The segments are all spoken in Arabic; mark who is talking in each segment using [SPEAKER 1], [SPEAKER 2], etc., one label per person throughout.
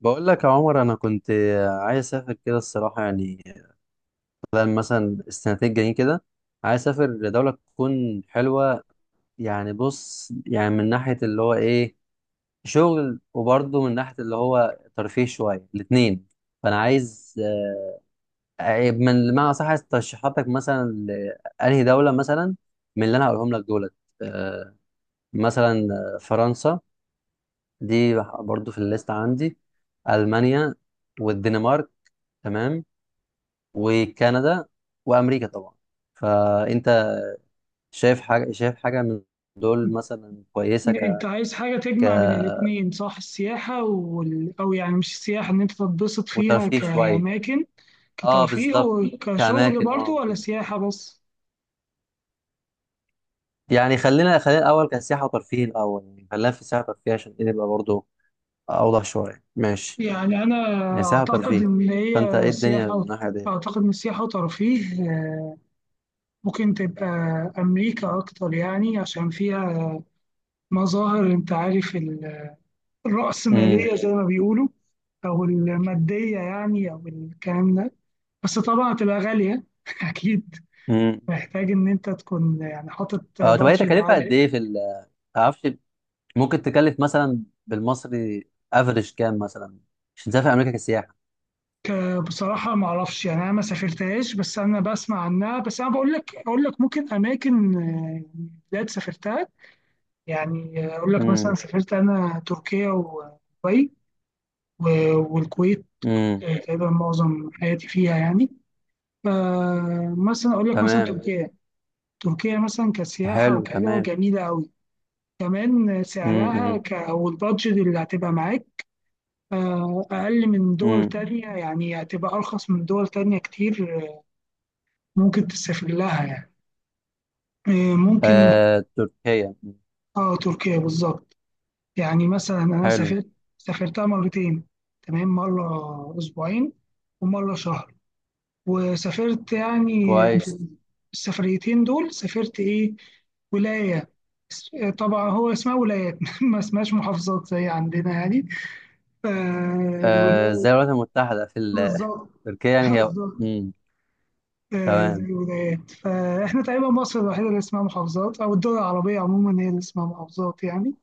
[SPEAKER 1] بقول لك يا عمر، انا كنت عايز اسافر كده الصراحه، يعني خلال مثلا السنتين الجايين كده. عايز اسافر لدوله تكون حلوه يعني. بص، يعني من ناحيه اللي هو ايه، شغل، وبرضه من ناحيه اللي هو ترفيه شويه، الاثنين. فانا عايز من ما صح، عايز ترشيحاتك مثلا لانهي دوله. مثلا من اللي انا هقولهم لك دولت، آه، مثلا فرنسا دي برضه في الليست عندي، المانيا والدنمارك، تمام، وكندا وامريكا طبعا. فانت شايف حاجه من دول مثلا كويسه
[SPEAKER 2] انت عايز حاجة تجمع بين الاتنين، صح؟ السياحة او يعني مش السياحة ان انت تتبسط فيها
[SPEAKER 1] وترفيه شويه،
[SPEAKER 2] كأماكن،
[SPEAKER 1] اه
[SPEAKER 2] كترفيه
[SPEAKER 1] بالظبط.
[SPEAKER 2] وكشغل
[SPEAKER 1] كاماكن،
[SPEAKER 2] برضو،
[SPEAKER 1] اه
[SPEAKER 2] ولا
[SPEAKER 1] كده.
[SPEAKER 2] سياحة بس؟
[SPEAKER 1] يعني خلينا الاول كسياحه وترفيه، الاول، يعني خلينا في السياحه وترفيه عشان ايه نبقى برضه اوضح شويه، ماشي.
[SPEAKER 2] يعني انا
[SPEAKER 1] يعني سياحه
[SPEAKER 2] اعتقد
[SPEAKER 1] وترفيه،
[SPEAKER 2] ان
[SPEAKER 1] فانت
[SPEAKER 2] هي
[SPEAKER 1] ايه الدنيا من
[SPEAKER 2] سياحة
[SPEAKER 1] الناحيه دي؟
[SPEAKER 2] اعتقد ان السياحة وترفيه. ممكن تبقى امريكا اكتر، يعني عشان فيها مظاهر، انت عارف
[SPEAKER 1] امم.
[SPEAKER 2] الرأسمالية زي ما بيقولوا، او المادية يعني، او الكلام ده. بس طبعا هتبقى غالية اكيد.
[SPEAKER 1] امم.
[SPEAKER 2] محتاج ان انت تكون يعني حاطط
[SPEAKER 1] اه، طب هي
[SPEAKER 2] بادجت
[SPEAKER 1] تكلفه قد
[SPEAKER 2] عالي.
[SPEAKER 1] ايه في معرفش، ممكن تكلف مثلا بالمصري افريج كام مثلا عشان تسافر امريكا كسياحه.
[SPEAKER 2] بصراحه ما اعرفش يعني، انا ما سافرتهاش، بس انا بسمع عنها. بس انا بقول لك اقول لك ممكن اماكن يعني بلاد سافرتها. يعني اقول لك مثلا،
[SPEAKER 1] مم.
[SPEAKER 2] سافرت انا تركيا ودبي و- والكويت.
[SPEAKER 1] امم.
[SPEAKER 2] تقريبا معظم حياتي فيها يعني. فمثلا اقول لك مثلا
[SPEAKER 1] تمام.
[SPEAKER 2] تركيا. تركيا مثلا كسياحه
[SPEAKER 1] حلو،
[SPEAKER 2] وكده
[SPEAKER 1] تمام.
[SPEAKER 2] جميله قوي. كمان سعرها
[SPEAKER 1] امم.
[SPEAKER 2] او البادجت اللي هتبقى معاك أقل من دول
[SPEAKER 1] امم.
[SPEAKER 2] تانية، يعني هتبقى أرخص من دول تانية كتير. ممكن تسافر لها يعني. ممكن.
[SPEAKER 1] آه تركيا، مم.
[SPEAKER 2] آه تركيا بالظبط. يعني مثلا أنا
[SPEAKER 1] حلو.
[SPEAKER 2] سافرت سافرتها مرتين، تمام؟ مرة أسبوعين، ومرة شهر. وسافرت يعني
[SPEAKER 1] كويس.
[SPEAKER 2] في السفريتين دول، سافرت إيه، ولاية. اس- طبعا هو اسمها ولايات ما اسمهاش محافظات زي عندنا يعني.
[SPEAKER 1] آه، زي
[SPEAKER 2] الولاية.
[SPEAKER 1] الولايات المتحدة في
[SPEAKER 2] بالظبط.
[SPEAKER 1] تركيا، يعني هي.
[SPEAKER 2] بالظبط.
[SPEAKER 1] امم. تمام.
[SPEAKER 2] زي ولايات. فاحنا تقريبا مصر الوحيدة اللي اسمها محافظات، أو الدول العربية عموما هي اللي اسمها محافظات يعني.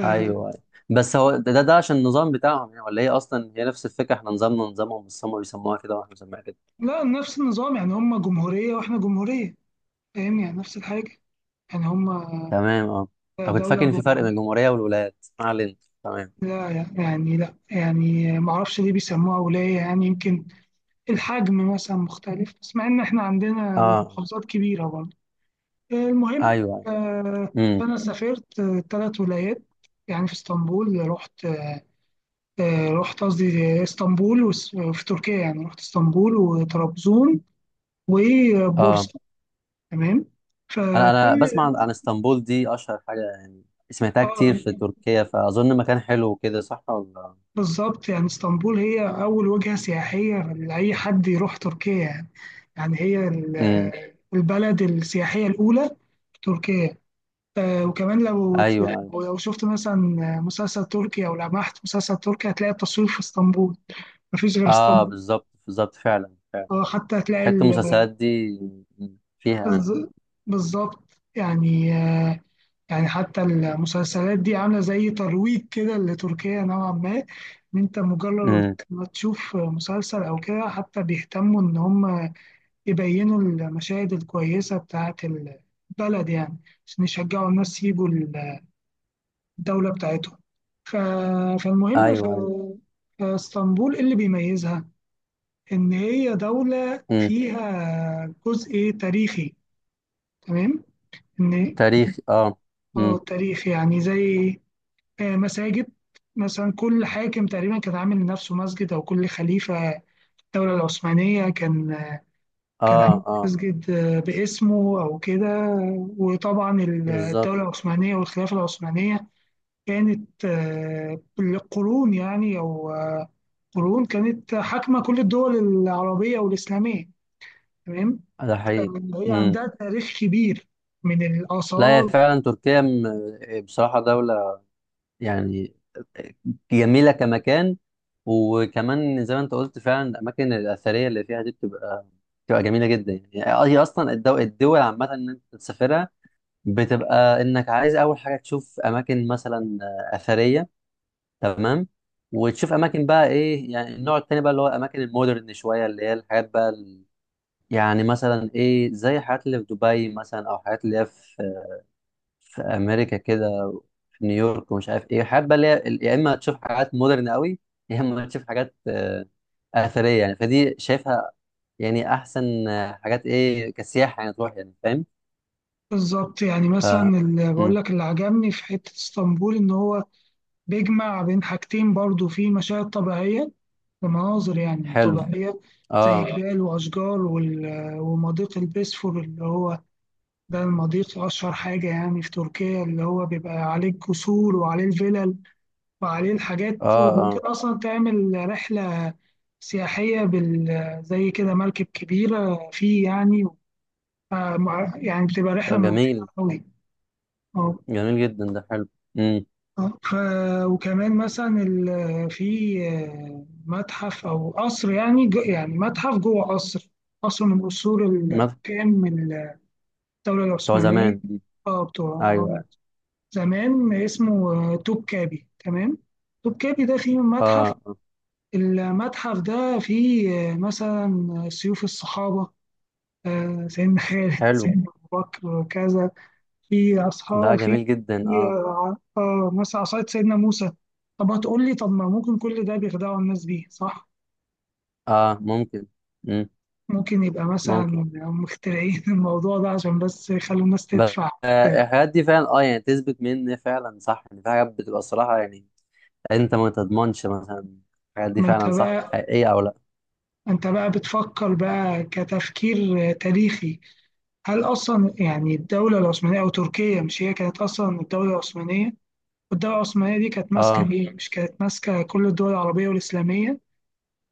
[SPEAKER 2] آه،
[SPEAKER 1] ايوه، أيوه. بس هو ده عشان النظام بتاعهم يعني، ولا هي اصلا هي نفس الفكرة، احنا نظامنا نظامهم بس هم بيسموها كده واحنا بنسميها كده؟
[SPEAKER 2] لا، نفس النظام يعني. هم جمهورية وإحنا جمهورية. فاهم؟ يعني نفس الحاجة. يعني هم
[SPEAKER 1] تمام، اه. انا كنت فاكر
[SPEAKER 2] دولة
[SPEAKER 1] ان في فرق بين
[SPEAKER 2] جمهورية.
[SPEAKER 1] الجمهورية والولايات، ما علينا. تمام.
[SPEAKER 2] لا، يعني لا، يعني معرفش ليه بيسموها ولاية. يعني يمكن الحجم مثلا مختلف، بس مع إن إحنا عندنا
[SPEAKER 1] اه.
[SPEAKER 2] المحافظات كبيرة برضه. المهم.
[SPEAKER 1] ايوه.
[SPEAKER 2] آه،
[SPEAKER 1] امم.
[SPEAKER 2] فأنا سافرت 3 ولايات يعني. في اسطنبول، رحت رحت قصدي اسطنبول وفي تركيا يعني، رحت اسطنبول وطرابزون
[SPEAKER 1] اه.
[SPEAKER 2] وبورصة. تمام.
[SPEAKER 1] انا
[SPEAKER 2] فكل
[SPEAKER 1] بسمع عن اسطنبول دي، اشهر حاجه يعني سمعتها كتير في
[SPEAKER 2] آه،
[SPEAKER 1] تركيا، فاظن مكان حلو كده، صح ولا؟
[SPEAKER 2] بالظبط. يعني اسطنبول هي أول وجهة سياحية لأي حد يروح تركيا يعني. يعني هي
[SPEAKER 1] امم.
[SPEAKER 2] البلد السياحية الأولى في تركيا. وكمان لو
[SPEAKER 1] ايوه ايوه.
[SPEAKER 2] لو شفت مثلا مسلسل تركي أو لمحت مسلسل تركي، هتلاقي التصوير في اسطنبول. مفيش غير
[SPEAKER 1] اه
[SPEAKER 2] اسطنبول.
[SPEAKER 1] بالظبط بالظبط، فعلا فعلا.
[SPEAKER 2] حتى هتلاقي
[SPEAKER 1] حته المسلسلات دي مم. فيها انا.
[SPEAKER 2] بالظ- بالظبط يعني. يعني حتى المسلسلات دي عاملة زي ترويج كده لتركيا نوعا ما. إن أنت مجرد
[SPEAKER 1] امم.
[SPEAKER 2] ما تشوف مسلسل أو كده، حتى بيهتموا إن هم يبينوا المشاهد الكويسة بتاعة البلد يعني، عشان يشجعوا الناس يجوا الدولة بتاعتهم. ف... فالمهم في
[SPEAKER 1] ايوه ايوه.
[SPEAKER 2] في اسطنبول إيه اللي بيميزها؟ إن هي دولة
[SPEAKER 1] امم.
[SPEAKER 2] فيها جزء تاريخي، تمام؟ إن
[SPEAKER 1] تاريخ اه.
[SPEAKER 2] اه
[SPEAKER 1] امم.
[SPEAKER 2] تاريخ يعني، زي مساجد مثلا. كل حاكم تقريبا كان عامل لنفسه مسجد، او كل خليفة في الدولة العثمانية كان
[SPEAKER 1] اه
[SPEAKER 2] عامل
[SPEAKER 1] اه
[SPEAKER 2] مسجد باسمه او كده. وطبعا
[SPEAKER 1] بالظبط.
[SPEAKER 2] الدولة العثمانية والخلافة العثمانية كانت بالقرون يعني، او قرون كانت حاكمة كل الدول العربية والإسلامية، تمام.
[SPEAKER 1] ده حقيقي.
[SPEAKER 2] فهي
[SPEAKER 1] امم.
[SPEAKER 2] عندها تاريخ كبير من
[SPEAKER 1] لا هي
[SPEAKER 2] الآثار.
[SPEAKER 1] فعلا تركيا بصراحه دوله يعني، جميلة كمكان. وكمان زي ما انت قلت فعلا الأماكن الأثرية اللي فيها دي بتبقى جميلة جدا يعني. هي أصلا الدول عامة، إن أنت تسافرها بتبقى إنك عايز أول حاجة تشوف أماكن مثلا أثرية، تمام، وتشوف أماكن بقى إيه يعني، النوع التاني بقى اللي هو الأماكن المودرن شوية، اللي هي الحاجات بقى يعني مثلا إيه، زي الحاجات اللي في دبي مثلا، أو الحاجات اللي هي في في امريكا كده، في نيويورك ومش عارف ايه. حابه اللي هي يا اما تشوف حاجات مودرن قوي، يا اما تشوف حاجات اثريه. يعني فدي شايفها يعني احسن حاجات، ايه كسياحه يعني تروح، يعني فاهم.
[SPEAKER 2] بالظبط. يعني
[SPEAKER 1] ف
[SPEAKER 2] مثلا اللي بقول
[SPEAKER 1] مم.
[SPEAKER 2] لك، اللي عجبني في حتة اسطنبول إن هو بيجمع بين حاجتين، برضو في مشاهد طبيعية ومناظر يعني
[SPEAKER 1] حلو.
[SPEAKER 2] طبيعية، زي
[SPEAKER 1] اه.
[SPEAKER 2] جبال وأشجار ومضيق البسفور اللي هو، ده المضيق أشهر حاجة يعني في تركيا، اللي هو بيبقى عليه القصور وعليه الفلل وعليه الحاجات.
[SPEAKER 1] اه.
[SPEAKER 2] وممكن
[SPEAKER 1] اه.
[SPEAKER 2] أصلا تعمل رحلة سياحية زي كده مركب كبيرة فيه يعني. يعني بتبقى رحلة
[SPEAKER 1] طب
[SPEAKER 2] ممتعة
[SPEAKER 1] جميل،
[SPEAKER 2] أوي.
[SPEAKER 1] جميل جدا، ده حلو. امم.
[SPEAKER 2] آه، ف وكمان مثلا في متحف او قصر يعني، يعني متحف جوه قصر، قصر من قصور
[SPEAKER 1] مثلا
[SPEAKER 2] الحكام من الدوله
[SPEAKER 1] بتوع
[SPEAKER 2] العثمانيه.
[SPEAKER 1] زمان، مم.
[SPEAKER 2] اه بتوع
[SPEAKER 1] ايوه،
[SPEAKER 2] من
[SPEAKER 1] أيوة.
[SPEAKER 2] زمان، اسمه توبكابي، تمام. توبكابي ده فيه متحف.
[SPEAKER 1] اه. آه.
[SPEAKER 2] المتحف ده فيه مثلا سيوف الصحابه، سيدنا خالد،
[SPEAKER 1] حلو.
[SPEAKER 2] سيدنا ابو بكر وكذا، في
[SPEAKER 1] ده
[SPEAKER 2] اصحاب، في
[SPEAKER 1] جميل جدا،
[SPEAKER 2] في
[SPEAKER 1] اه.
[SPEAKER 2] آه، آه، مثلا عصاية سيدنا موسى. طب هتقول لي طب ما ممكن كل ده بيخدعوا الناس بيه، صح؟
[SPEAKER 1] اه ممكن. امم.
[SPEAKER 2] ممكن يبقى مثلا
[SPEAKER 1] ممكن.
[SPEAKER 2] مخترعين الموضوع ده عشان بس يخلوا الناس
[SPEAKER 1] بس
[SPEAKER 2] تدفع كده.
[SPEAKER 1] الحاجات دي فعلا اه، يعني تثبت من فعلا صح؟ يعني في حاجات بتبقى الصراحة يعني، انت ما تضمنش مثلا الحاجات دي
[SPEAKER 2] ما انت
[SPEAKER 1] فعلا صح
[SPEAKER 2] بقى،
[SPEAKER 1] حقيقية او لا.
[SPEAKER 2] انت بقى بتفكر بقى كتفكير تاريخي. هل اصلا يعني الدولة العثمانية او تركيا، مش هي كانت اصلا الدولة العثمانية؟ والدولة العثمانية دي كانت ماسكة
[SPEAKER 1] اه
[SPEAKER 2] ايه؟ مش كانت ماسكة كل الدول العربية والإسلامية؟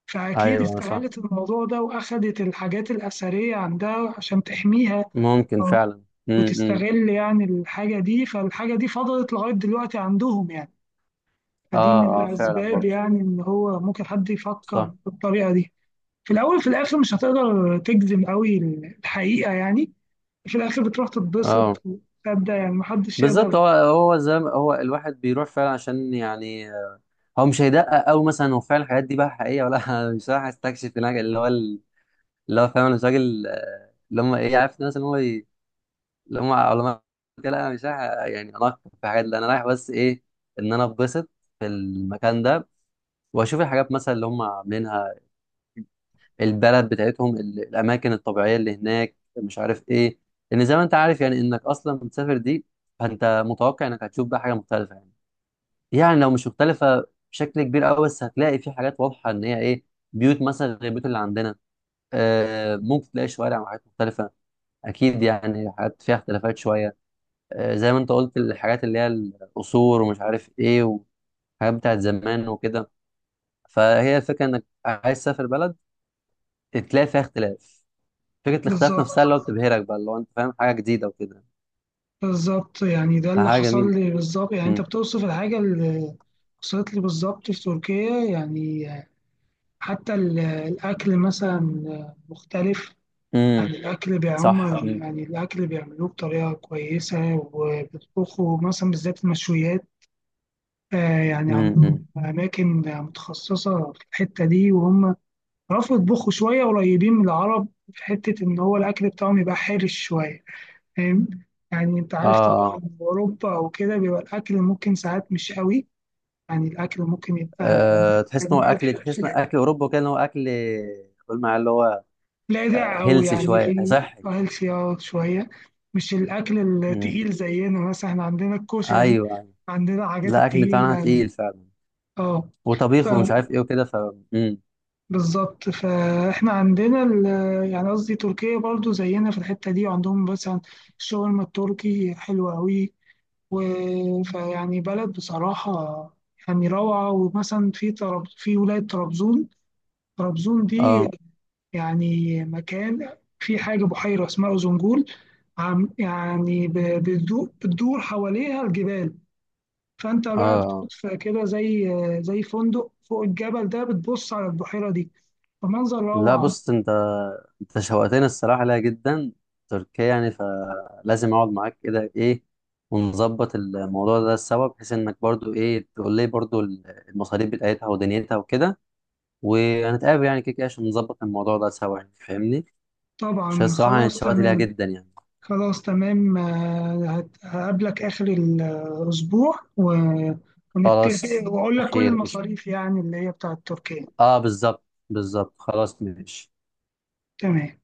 [SPEAKER 2] فأكيد
[SPEAKER 1] ايوه صح،
[SPEAKER 2] استغلت الموضوع ده وأخدت الحاجات الأثرية عندها عشان تحميها
[SPEAKER 1] ممكن
[SPEAKER 2] أو
[SPEAKER 1] فعلا. امم. إمم.
[SPEAKER 2] وتستغل يعني الحاجة دي. فالحاجة دي فضلت لغاية دلوقتي عندهم يعني. فدي
[SPEAKER 1] اه
[SPEAKER 2] من
[SPEAKER 1] اه فعلا
[SPEAKER 2] الأسباب
[SPEAKER 1] برضه،
[SPEAKER 2] يعني، إن هو ممكن حد يفكر
[SPEAKER 1] صح.
[SPEAKER 2] بالطريقة دي في الأول. في الآخر مش هتقدر تجزم قوي الحقيقة يعني. في الآخر بتروح
[SPEAKER 1] اه
[SPEAKER 2] تتبسط وتصدق يعني، محدش
[SPEAKER 1] بالظبط،
[SPEAKER 2] يقدر.
[SPEAKER 1] هو زي ما هو الواحد بيروح فعلا عشان يعني هو مش هيدقق قوي مثلا هو فعلا الحاجات دي بقى حقيقية ولا لا. مش رايح استكشف هناك اللي هو اللي هو فاهم الراجل اللي هم ايه، عارف الناس اللي هو، لو ما لو ما لا أنا مش رايح يعني اناقش في حاجات، لا انا رايح بس ايه، ان انا اتبسط في المكان ده، واشوف الحاجات مثلا اللي هم عاملينها البلد بتاعتهم، الاماكن الطبيعيه اللي هناك، مش عارف ايه. لان زي ما انت عارف يعني، انك اصلا بتسافر دي، فانت متوقع انك هتشوف بقى حاجه مختلفه يعني. يعني لو مش مختلفه بشكل كبير قوي، بس هتلاقي في حاجات واضحه ان هي ايه، بيوت مثلا غير البيوت اللي عندنا، آه ممكن تلاقي شوارع وحاجات مختلفه، اكيد يعني حاجات فيها اختلافات شويه. زي ما انت قلت الحاجات اللي هي القصور ومش عارف ايه، وحاجات بتاعت زمان وكده. فهي الفكره انك عايز تسافر بلد تلاقي فيها اختلاف، فكره الاختلاف
[SPEAKER 2] بالظبط.
[SPEAKER 1] نفسها اللي هو بتبهرك بقى، اللي هو انت فاهم حاجه جديده وكده،
[SPEAKER 2] بالظبط يعني، ده اللي
[SPEAKER 1] فحاجه
[SPEAKER 2] حصل
[SPEAKER 1] جميله.
[SPEAKER 2] لي بالظبط يعني. أنت
[SPEAKER 1] امم.
[SPEAKER 2] بتوصف الحاجة اللي حصلت لي بالظبط في تركيا يعني. حتى الأكل مثلا مختلف. يعني
[SPEAKER 1] امم.
[SPEAKER 2] الأكل
[SPEAKER 1] صح.
[SPEAKER 2] بيعم صح.
[SPEAKER 1] امم.
[SPEAKER 2] يعني الأكل بيعملوه بطريقة كويسة، وبيطبخوا مثلا بالذات المشويات. يعني
[SPEAKER 1] امم.
[SPEAKER 2] عندهم أماكن متخصصة في الحتة دي، وهم عرفوا يطبخوا شوية قريبين من العرب في حتة إن هو الأكل بتاعهم يبقى حرش شوية. فاهم؟ يعني أنت
[SPEAKER 1] اه.
[SPEAKER 2] عارف
[SPEAKER 1] اه.
[SPEAKER 2] طبعا أوروبا أو كده بيبقى الأكل ممكن ساعات مش قوي يعني. الأكل ممكن يبقى محتاج ملح،
[SPEAKER 1] تحس ان اكل اوروبا كده، ان هو اكل، قول معايا اللي هو
[SPEAKER 2] لاذع قوي
[SPEAKER 1] هيلثي
[SPEAKER 2] يعني.
[SPEAKER 1] شويه،
[SPEAKER 2] في
[SPEAKER 1] صحي.
[SPEAKER 2] هيلثي شويه، مش الاكل
[SPEAKER 1] امم.
[SPEAKER 2] التقيل زينا. مثلا احنا عندنا الكشري،
[SPEAKER 1] ايوه ايوه.
[SPEAKER 2] عندنا الحاجات
[SPEAKER 1] لا اكل بتاعنا
[SPEAKER 2] التقيله،
[SPEAKER 1] تقيل فعلا،
[SPEAKER 2] اه. ف-
[SPEAKER 1] وطبيخ ومش عارف ايه وكده، امم.
[SPEAKER 2] بالظبط. فاحنا عندنا يعني قصدي تركيا برضو زينا في الحته دي، وعندهم مثلا الشاورما التركي حلوه قوي. فيعني بلد بصراحه، يعني روعه. ومثلا في طرب في ولايه طرابزون، طرابزون دي
[SPEAKER 1] اه.
[SPEAKER 2] يعني مكان، في حاجة بحيرة اسمها أوزنجول. عم يعني بتدور حواليها الجبال. فأنت بقى بتقعد
[SPEAKER 1] اه.
[SPEAKER 2] في كده زي فندق فوق الجبل ده، بتبص على البحيرة دي، فمنظر
[SPEAKER 1] لا
[SPEAKER 2] روعة.
[SPEAKER 1] بص انت، انت شوقتني الصراحه ليها جدا، تركيا يعني. فلازم اقعد معاك كده ايه ونظبط الموضوع ده سوا، بحيث انك برضو ايه تقول لي برضو المصاريف بتاعتها ودنيتها وكده، وهنتقابل يعني كده كده عشان نظبط الموضوع ده سوا يعني، فاهمني؟ عشان
[SPEAKER 2] طبعا
[SPEAKER 1] الصراحه انا
[SPEAKER 2] خلاص
[SPEAKER 1] اتشوقت ليها
[SPEAKER 2] تمام.
[SPEAKER 1] جدا يعني.
[SPEAKER 2] خلاص تمام. هقابلك آخر الأسبوع ونتفق،
[SPEAKER 1] خلاص،
[SPEAKER 2] وأقول لك كل
[SPEAKER 1] خير، قشطة.
[SPEAKER 2] المصاريف يعني اللي هي بتاعت تركيا.
[SPEAKER 1] اه بالظبط. بالظبط، خلاص ماشي.
[SPEAKER 2] تمام.